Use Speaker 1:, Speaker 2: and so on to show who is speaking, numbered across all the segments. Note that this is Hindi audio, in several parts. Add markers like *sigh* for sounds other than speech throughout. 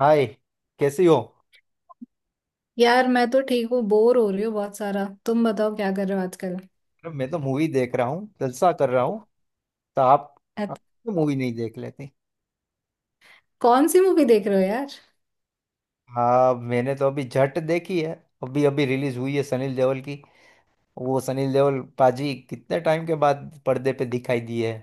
Speaker 1: हाय। कैसी हो?
Speaker 2: यार मैं तो ठीक हूँ, बोर हो रही हूँ बहुत सारा। तुम बताओ क्या कर रहे हो आजकल।
Speaker 1: अरे, मैं तो मूवी देख रहा हूँ, जलसा कर रहा हूँ। तो आप
Speaker 2: अत-
Speaker 1: तो मूवी नहीं देख लेती?
Speaker 2: कौन सी मूवी देख रहे हो यार।
Speaker 1: हाँ, मैंने तो अभी जट देखी है। अभी अभी रिलीज हुई है, सनील देओल की। वो सनील देओल पाजी कितने टाइम के बाद पर्दे पे दिखाई दी है।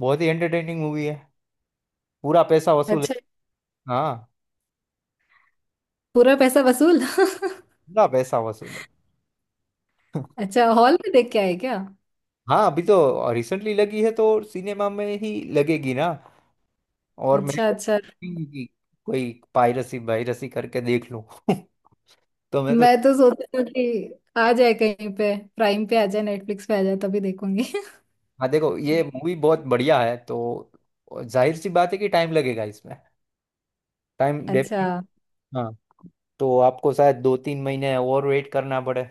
Speaker 1: बहुत ही एंटरटेनिंग मूवी है। पूरा पैसा वसूल है।
Speaker 2: अच्छा।
Speaker 1: हाँ,
Speaker 2: पूरा पैसा वसूल *laughs*
Speaker 1: पूरा पैसा वसूल है।
Speaker 2: अच्छा, हॉल में देख के आए क्या।
Speaker 1: हाँ, अभी तो रिसेंटली लगी है तो सिनेमा में ही लगेगी ना। और मैं
Speaker 2: अच्छा अच्छा।
Speaker 1: कोई पायरसी वायरसी करके देख लूं। *laughs* तो मैं तो
Speaker 2: मैं तो सोचती हूँ कि आ जाए कहीं पे, प्राइम पे आ जाए, नेटफ्लिक्स पे आ जाए तभी देखूंगी।
Speaker 1: हाँ, देखो, ये
Speaker 2: *laughs*
Speaker 1: मूवी बहुत बढ़िया है, तो जाहिर सी बात है कि टाइम लगेगा इसमें। टाइम
Speaker 2: अच्छा।
Speaker 1: डेफिनेट। हाँ, तो आपको शायद 2 3 महीने और वेट करना पड़े।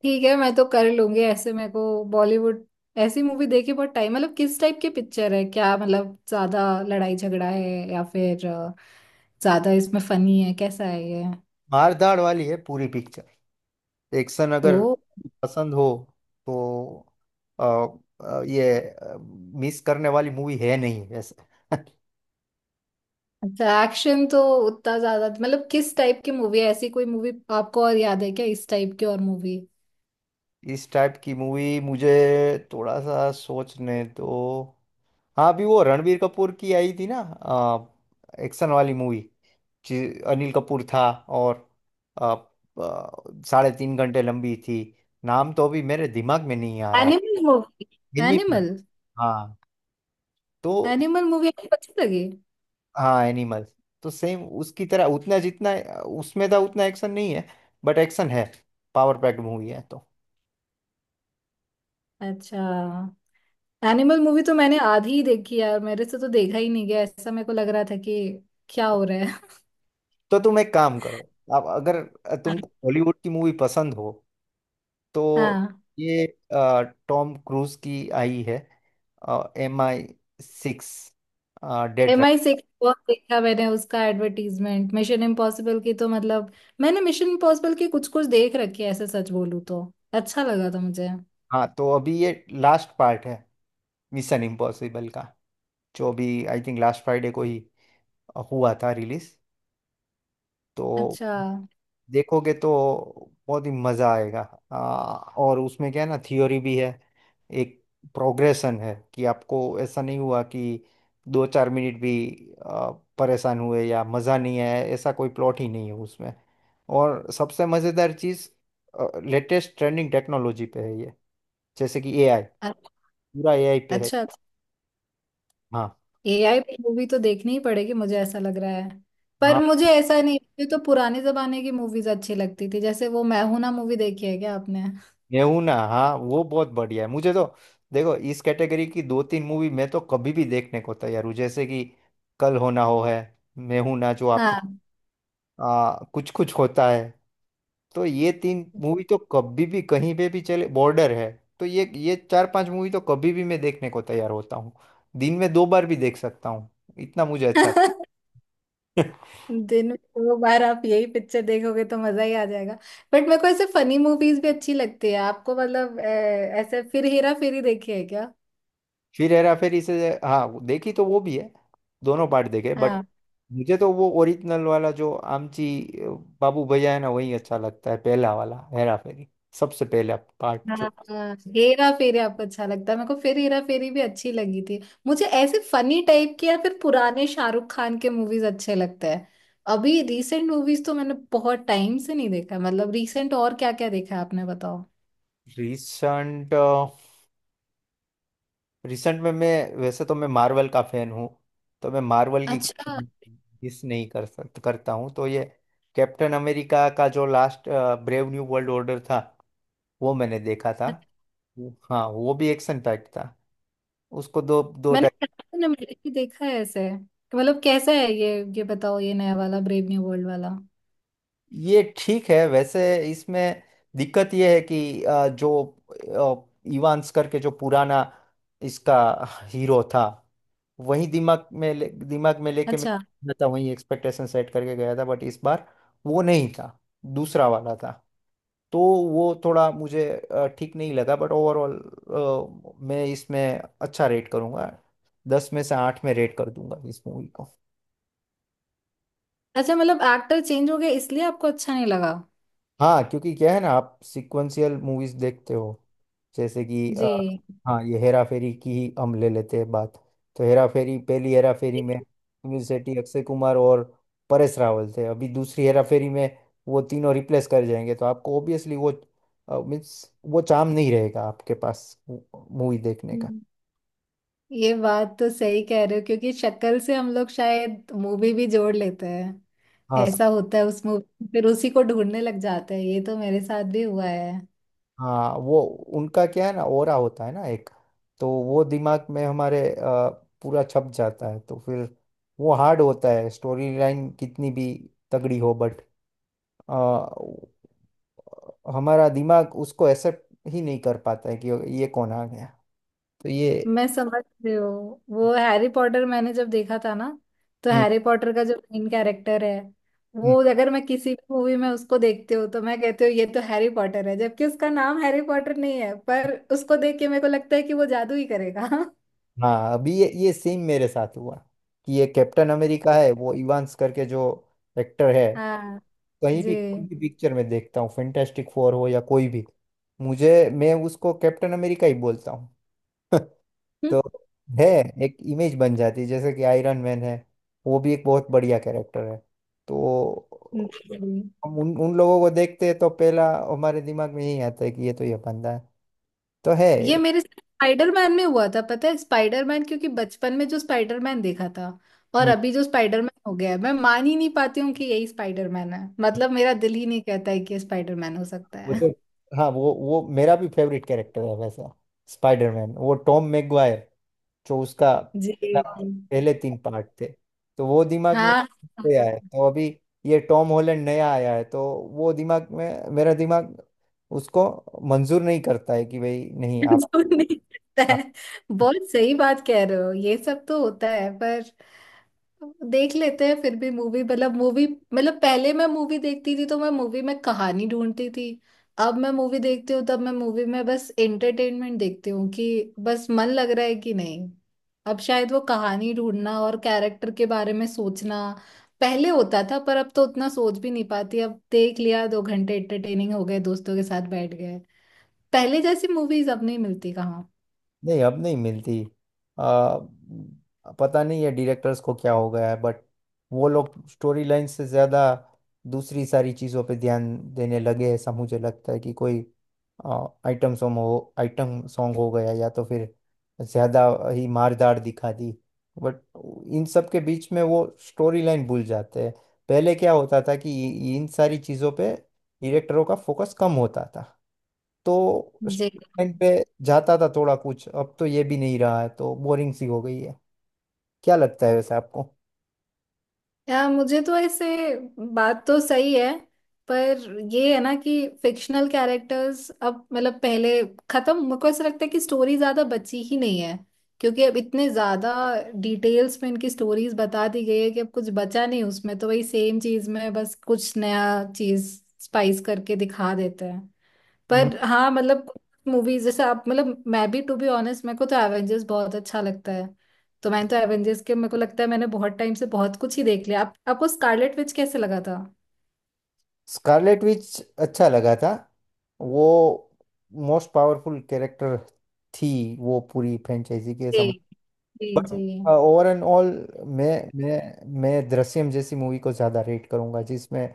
Speaker 2: ठीक है मैं तो कर लूंगी ऐसे। मेरे को बॉलीवुड ऐसी मूवी देखी बहुत टाइम। मतलब किस टाइप की पिक्चर है? क्या मतलब ज्यादा लड़ाई झगड़ा है या फिर ज्यादा इसमें फनी है? कैसा है ये?
Speaker 1: मार धाड़ वाली है पूरी पिक्चर। एक्शन
Speaker 2: ओ।
Speaker 1: अगर पसंद हो तो अ, ये मिस करने वाली मूवी है नहीं वैसे।
Speaker 2: अच्छा एक्शन तो उतना ज्यादा। मतलब किस टाइप की मूवी है? ऐसी कोई मूवी आपको और याद है क्या, इस टाइप की और मूवी?
Speaker 1: *laughs* इस टाइप की मूवी मुझे थोड़ा सा सोचने तो। हाँ, अभी वो रणबीर कपूर की आई थी ना, एक्शन वाली मूवी। अनिल कपूर था और अ, अ, 3.5 घंटे लंबी थी। नाम तो अभी मेरे दिमाग में नहीं आ रहा।
Speaker 2: Animal movie.
Speaker 1: एनिमल।
Speaker 2: एनिमल।
Speaker 1: हाँ। तो
Speaker 2: एनिमल मूवी आपको अच्छी लगी?
Speaker 1: हाँ, एनिमल तो सेम उसकी तरह, उतना जितना उसमें था उतना एक्शन नहीं है, बट एक्शन है। पावर पैक्ड मूवी है। तो
Speaker 2: अच्छा। एनिमल मूवी तो मैंने आधी ही देखी यार, मेरे से तो देखा ही नहीं गया। ऐसा मेरे को लग रहा था कि क्या हो रहा है।
Speaker 1: तो तुम एक काम करो। अब अगर तुमको
Speaker 2: *laughs*
Speaker 1: हॉलीवुड की मूवी पसंद हो तो
Speaker 2: हाँ।
Speaker 1: ये अ, टॉम क्रूज की आई है, MI6 dead.
Speaker 2: M I six बहुत देखा मैंने उसका एडवर्टीजमेंट, मिशन इम्पॉसिबल की। तो मतलब मैंने मिशन इम्पॉसिबल की कुछ कुछ देख रखी है ऐसे, सच बोलूं तो। अच्छा लगा था मुझे।
Speaker 1: हाँ, तो अभी ये लास्ट पार्ट है मिशन इम्पॉसिबल का, जो अभी आई थिंक लास्ट फ्राइडे को ही हुआ था रिलीज। तो
Speaker 2: अच्छा।
Speaker 1: देखोगे तो बहुत ही मज़ा आएगा। आ, और उसमें क्या है ना, थियोरी भी है, एक प्रोग्रेशन है कि आपको ऐसा नहीं हुआ कि 2 4 मिनट भी आ, परेशान हुए या मज़ा नहीं आया। ऐसा कोई प्लॉट ही नहीं है उसमें। और सबसे मज़ेदार चीज़, लेटेस्ट ट्रेंडिंग टेक्नोलॉजी पे है ये, जैसे कि एआई।
Speaker 2: अ-
Speaker 1: पूरा एआई पे है।
Speaker 2: अच्छा,
Speaker 1: हाँ।
Speaker 2: एआई पे मूवी तो देखनी ही पड़ेगी मुझे, ऐसा लग रहा है। पर मुझे ऐसा नहीं, मुझे तो पुराने जमाने की मूवीज अच्छी लगती थी। जैसे वो मैं हूं ना मूवी, देखी है क्या आपने?
Speaker 1: गेहूं ना, हाँ, वो बहुत बढ़िया है। मुझे तो देखो, इस कैटेगरी की दो तीन मूवी मैं तो कभी भी देखने को तैयार हूँ। जैसे कि कल होना हो है, मैं हूं ना, जो आप,
Speaker 2: हाँ।
Speaker 1: कुछ कुछ होता है। तो ये तीन मूवी तो कभी भी कहीं पे भी चले, बॉर्डर है। तो ये चार पांच मूवी तो कभी भी मैं देखने को तैयार होता हूँ। दिन में 2 बार भी देख सकता हूँ। इतना मुझे अच्छा।
Speaker 2: *laughs*
Speaker 1: *laughs*
Speaker 2: दिन में दो बार आप यही पिक्चर देखोगे तो मजा ही आ जाएगा। बट मेरे को ऐसे फनी मूवीज भी अच्छी लगती है। आपको मतलब ऐसे फिर हेरा फेरी देखी है क्या?
Speaker 1: फिर हेरा फेरी, से हाँ, वो देखी तो वो भी है। दोनों पार्ट देखे, बट
Speaker 2: हाँ।
Speaker 1: मुझे तो वो ओरिजिनल वाला जो आमची, अ, बाबू भैया है ना, वही अच्छा लगता है, पहला वाला हेरा फेरी, सबसे पहला पार्ट
Speaker 2: हाँ।
Speaker 1: जो।
Speaker 2: हाँ। हेरा फेरी आपको अच्छा लगता है, मेरे को फिर हेरा फेरी भी अच्छी लगी थी। मुझे ऐसे फनी टाइप के या फिर पुराने शाहरुख खान के मूवीज अच्छे लगते हैं। अभी रीसेंट मूवीज तो मैंने बहुत टाइम से नहीं देखा। मतलब रीसेंट और क्या क्या देखा है आपने, बताओ।
Speaker 1: रिसेंट रिसेंट में मैं, वैसे तो मैं मार्वल का फैन हूँ, तो मैं मार्वल की
Speaker 2: अच्छा।
Speaker 1: मिस नहीं कर सक करता हूँ। तो ये कैप्टन अमेरिका का जो last, brave new world order था, वो मैंने देखा था। हाँ, वो भी एक्शन पैक्ड था। उसको दो दो।
Speaker 2: मैंने कैप्टन अमेरिका देखा है ऐसे, मतलब कैसा है ये? ये बताओ, ये नया वाला ब्रेव न्यू वर्ल्ड वाला?
Speaker 1: ये ठीक है वैसे। इसमें दिक्कत ये है कि जो इवांस करके जो पुराना इसका हीरो था, वही दिमाग में लेके मैं
Speaker 2: अच्छा।
Speaker 1: गया था, वही एक्सपेक्टेशन सेट करके गया था, बट इस बार वो नहीं था, दूसरा वाला था। तो वो थोड़ा मुझे ठीक नहीं लगा, बट ओवरऑल मैं इसमें अच्छा रेट करूंगा। 10 में से 8 में रेट कर दूंगा इस मूवी को।
Speaker 2: अच्छा, मतलब एक्टर चेंज हो गया इसलिए आपको अच्छा नहीं लगा?
Speaker 1: हाँ, क्योंकि क्या है ना, आप सिक्वेंशियल मूवीज देखते हो, जैसे कि
Speaker 2: जी।
Speaker 1: हाँ, ये हेरा फेरी की ही हम ले लेते हैं बात। तो हेरा फेरी, पहली हेरा फेरी में सुनील शेट्टी, अक्षय कुमार और परेश रावल थे। अभी दूसरी हेरा फेरी में वो तीनों रिप्लेस कर जाएंगे, तो आपको ऑब्वियसली वो मीन्स वो चार्म नहीं रहेगा आपके पास मूवी देखने का।
Speaker 2: ये बात तो सही कह रहे हो, क्योंकि शक्ल से हम लोग शायद मूवी भी जोड़ लेते हैं।
Speaker 1: हाँ,
Speaker 2: ऐसा होता है उस मूवी, फिर उसी को ढूंढने लग जाते हैं। ये तो मेरे साथ भी हुआ है।
Speaker 1: हाँ, वो उनका क्या है ना, ओरा होता है ना एक, तो वो दिमाग में हमारे पूरा छप जाता है। तो फिर वो हार्ड होता है, स्टोरी लाइन कितनी भी तगड़ी हो बट हमारा दिमाग उसको एक्सेप्ट ही नहीं कर पाता है कि ये कौन आ गया। तो ये।
Speaker 2: मैं समझ रही हूँ। वो हैरी पॉटर मैंने जब देखा था ना, तो
Speaker 1: हम्म।
Speaker 2: हैरी पॉटर का जो मेन कैरेक्टर है,
Speaker 1: हम्म।
Speaker 2: वो अगर मैं किसी भी मूवी में उसको देखती हूँ तो मैं कहती हूँ ये तो हैरी पॉटर है। जबकि उसका नाम हैरी पॉटर नहीं है, पर उसको देख के मेरे को लगता है कि वो जादू ही करेगा। *laughs*
Speaker 1: हाँ, अभी ये सेम मेरे साथ हुआ कि ये कैप्टन अमेरिका है। वो इवांस करके जो एक्टर है,
Speaker 2: हाँ।
Speaker 1: कहीं भी कोई
Speaker 2: जी।
Speaker 1: भी पिक्चर में देखता हूँ, फैंटास्टिक फोर हो या कोई भी, मुझे मैं उसको कैप्टन अमेरिका ही बोलता हूँ। *laughs* तो है, एक इमेज बन जाती है। जैसे कि आयरन मैन है, वो भी एक बहुत बढ़िया कैरेक्टर है। तो
Speaker 2: *laughs*
Speaker 1: हम उन उन लोगों को देखते हैं तो पहला हमारे दिमाग में यही आता है कि ये तो ये बंदा है। तो है।
Speaker 2: ये मेरे साथ स्पाइडरमैन में हुआ था, पता है? स्पाइडरमैन क्योंकि बचपन में जो स्पाइडरमैन देखा था, और
Speaker 1: हम्म।
Speaker 2: अभी जो स्पाइडरमैन हो गया है, मैं मान ही नहीं पाती हूँ कि यही स्पाइडरमैन है। मतलब मेरा दिल ही नहीं कहता है कि ये स्पाइडरमैन हो सकता
Speaker 1: वो
Speaker 2: है।
Speaker 1: जो, हाँ, वो मेरा भी फेवरेट कैरेक्टर है वैसा। स्पाइडरमैन, वो टॉम मैगवायर जो उसका
Speaker 2: *laughs* जी
Speaker 1: पहले तीन पार्ट थे, तो वो दिमाग में
Speaker 2: हाँ,
Speaker 1: गया है, तो अभी ये टॉम हॉलैंड नया आया है, तो वो दिमाग में मेरा दिमाग उसको मंजूर नहीं करता है कि भाई नहीं, आप।
Speaker 2: जो नहीं होता
Speaker 1: हाँ,
Speaker 2: है। बहुत सही बात कह रहे हो, ये सब तो होता है। पर देख लेते हैं फिर भी मूवी, मतलब मूवी। मतलब पहले मैं मूवी देखती थी तो मैं मूवी में कहानी ढूंढती थी। अब मैं मूवी देखती हूँ तब मैं मूवी में बस एंटरटेनमेंट देखती हूँ, कि बस मन लग रहा है कि नहीं। अब शायद वो कहानी ढूंढना और कैरेक्टर के बारे में सोचना पहले होता था, पर अब तो उतना सोच भी नहीं पाती। अब देख लिया, दो घंटे एंटरटेनिंग हो गए, दोस्तों के साथ बैठ गए। पहले जैसी मूवीज अब नहीं मिलती कहाँ।
Speaker 1: नहीं अब नहीं मिलती। आ, पता नहीं है डायरेक्टर्स को क्या हो गया है, बट वो लोग स्टोरी लाइन से ज़्यादा दूसरी सारी चीज़ों पे ध्यान देने लगे। ऐसा मुझे लगता है कि कोई आइटम सॉन्ग हो, आइटम सॉन्ग हो गया, या तो फिर ज़्यादा ही मारदार दिखा दी, बट इन सब के बीच में वो स्टोरी लाइन भूल जाते हैं। पहले क्या होता था, कि इन सारी चीज़ों पे डायरेक्टरों का फोकस कम होता था, तो
Speaker 2: जी।
Speaker 1: टाइम पे जाता था थोड़ा कुछ। अब तो ये भी नहीं रहा है, तो बोरिंग सी हो गई है। क्या लगता है वैसे आपको?
Speaker 2: या मुझे तो ऐसे, बात तो सही है। पर ये है ना कि फिक्शनल कैरेक्टर्स अब, मतलब पहले खत्म। मेरे को ऐसा लगता है कि स्टोरी ज्यादा बची ही नहीं है, क्योंकि अब इतने ज्यादा डिटेल्स में इनकी स्टोरीज बता दी गई है कि अब कुछ बचा नहीं उसमें। तो वही सेम चीज में बस कुछ नया चीज स्पाइस करके दिखा देते हैं।
Speaker 1: हम्म।
Speaker 2: पर हाँ मतलब मूवीज जैसे आप, मतलब मैं भी टू बी ऑनेस्ट, मेरे को तो एवेंजर्स बहुत अच्छा लगता है। तो मैंने तो एवेंजर्स के, मेरे को लगता है मैंने बहुत टाइम से बहुत कुछ ही देख लिया। आप, आपको स्कारलेट विच कैसे लगा था?
Speaker 1: स्कारलेट विच अच्छा लगा था। वो मोस्ट पावरफुल कैरेक्टर थी, वो पूरी फ्रेंचाइजी के
Speaker 2: जी।
Speaker 1: समझ,
Speaker 2: जी
Speaker 1: बट
Speaker 2: जी।
Speaker 1: हाँ, ओवर एंड ऑल, मैं मैं दृश्यम जैसी मूवी को ज़्यादा रेट करूंगा जिसमें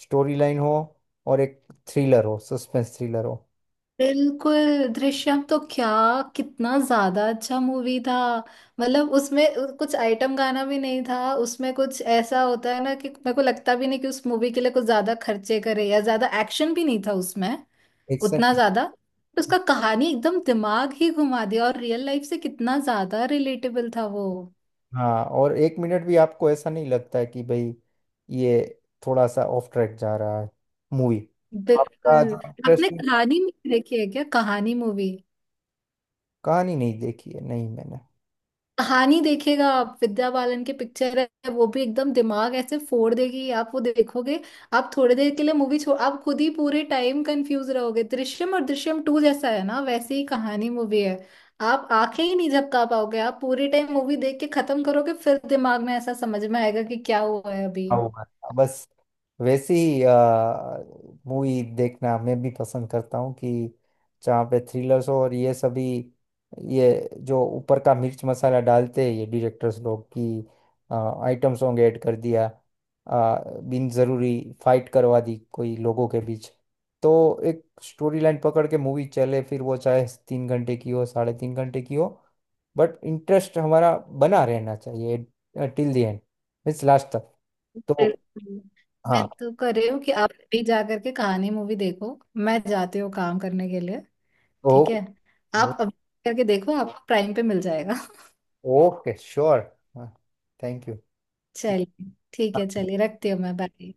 Speaker 1: स्टोरी लाइन हो और एक थ्रिलर हो, सस्पेंस थ्रिलर हो।
Speaker 2: बिल्कुल, दृश्यम तो क्या, कितना ज्यादा अच्छा मूवी था। मतलब उसमें कुछ आइटम गाना भी नहीं था। उसमें कुछ ऐसा होता है ना कि मेरे को लगता भी नहीं कि उस मूवी के लिए कुछ ज्यादा खर्चे करे, या ज्यादा एक्शन भी नहीं था उसमें
Speaker 1: एक्शन,
Speaker 2: उतना ज्यादा। तो उसका कहानी एकदम दिमाग ही घुमा दिया, और रियल लाइफ से कितना ज्यादा रिलेटेबल था वो।
Speaker 1: हाँ, और एक मिनट भी आपको ऐसा नहीं लगता है कि भाई, ये थोड़ा सा ऑफ ट्रैक जा रहा है मूवी, तो आपका
Speaker 2: बिल्कुल।
Speaker 1: जो हाँ इंटरेस्ट।
Speaker 2: आपने कहानी मूवी देखी है क्या, कहानी मूवी?
Speaker 1: कहानी नहीं देखी है, नहीं मैंने।
Speaker 2: कहानी देखेगा आप, विद्या बालन के पिक्चर है, वो भी एकदम दिमाग ऐसे फोड़ देगी आप वो देखोगे। आप थोड़ी देर के लिए मूवी छोड़, आप खुद ही पूरे टाइम कंफ्यूज रहोगे। दृश्यम और दृश्यम टू जैसा है ना, वैसे ही कहानी मूवी है। आप आंखें ही नहीं झपका पाओगे, आप पूरे टाइम मूवी देख के खत्म करोगे, फिर दिमाग में ऐसा समझ में आएगा कि क्या हुआ है अभी।
Speaker 1: हाँ, वो है। बस वैसी ही मूवी देखना मैं भी पसंद करता हूँ कि जहाँ पे थ्रिलर्स हो, और ये सभी, ये जो ऊपर का मिर्च मसाला डालते हैं ये डायरेक्टर्स लोग, की आइटम सॉन्ग ऐड कर दिया, आ, बिन जरूरी फाइट करवा दी कोई लोगों के बीच, तो एक स्टोरी लाइन पकड़ के मूवी चले, फिर वो चाहे 3 घंटे की हो, 3.5 घंटे की हो, बट इंटरेस्ट हमारा बना रहना चाहिए till the end, it's last तक। तो
Speaker 2: मैं
Speaker 1: हाँ।
Speaker 2: तो कर रही हूँ कि आप भी जा करके कहानी मूवी देखो। मैं जाती हूँ काम करने के लिए। ठीक
Speaker 1: ओ।
Speaker 2: है, आप अभी करके देखो, आपको प्राइम पे मिल जाएगा।
Speaker 1: ओके। श्योर। हाँ, थैंक यू।
Speaker 2: *laughs* चलिए ठीक है, चलिए रखती हूँ मैं, बाय।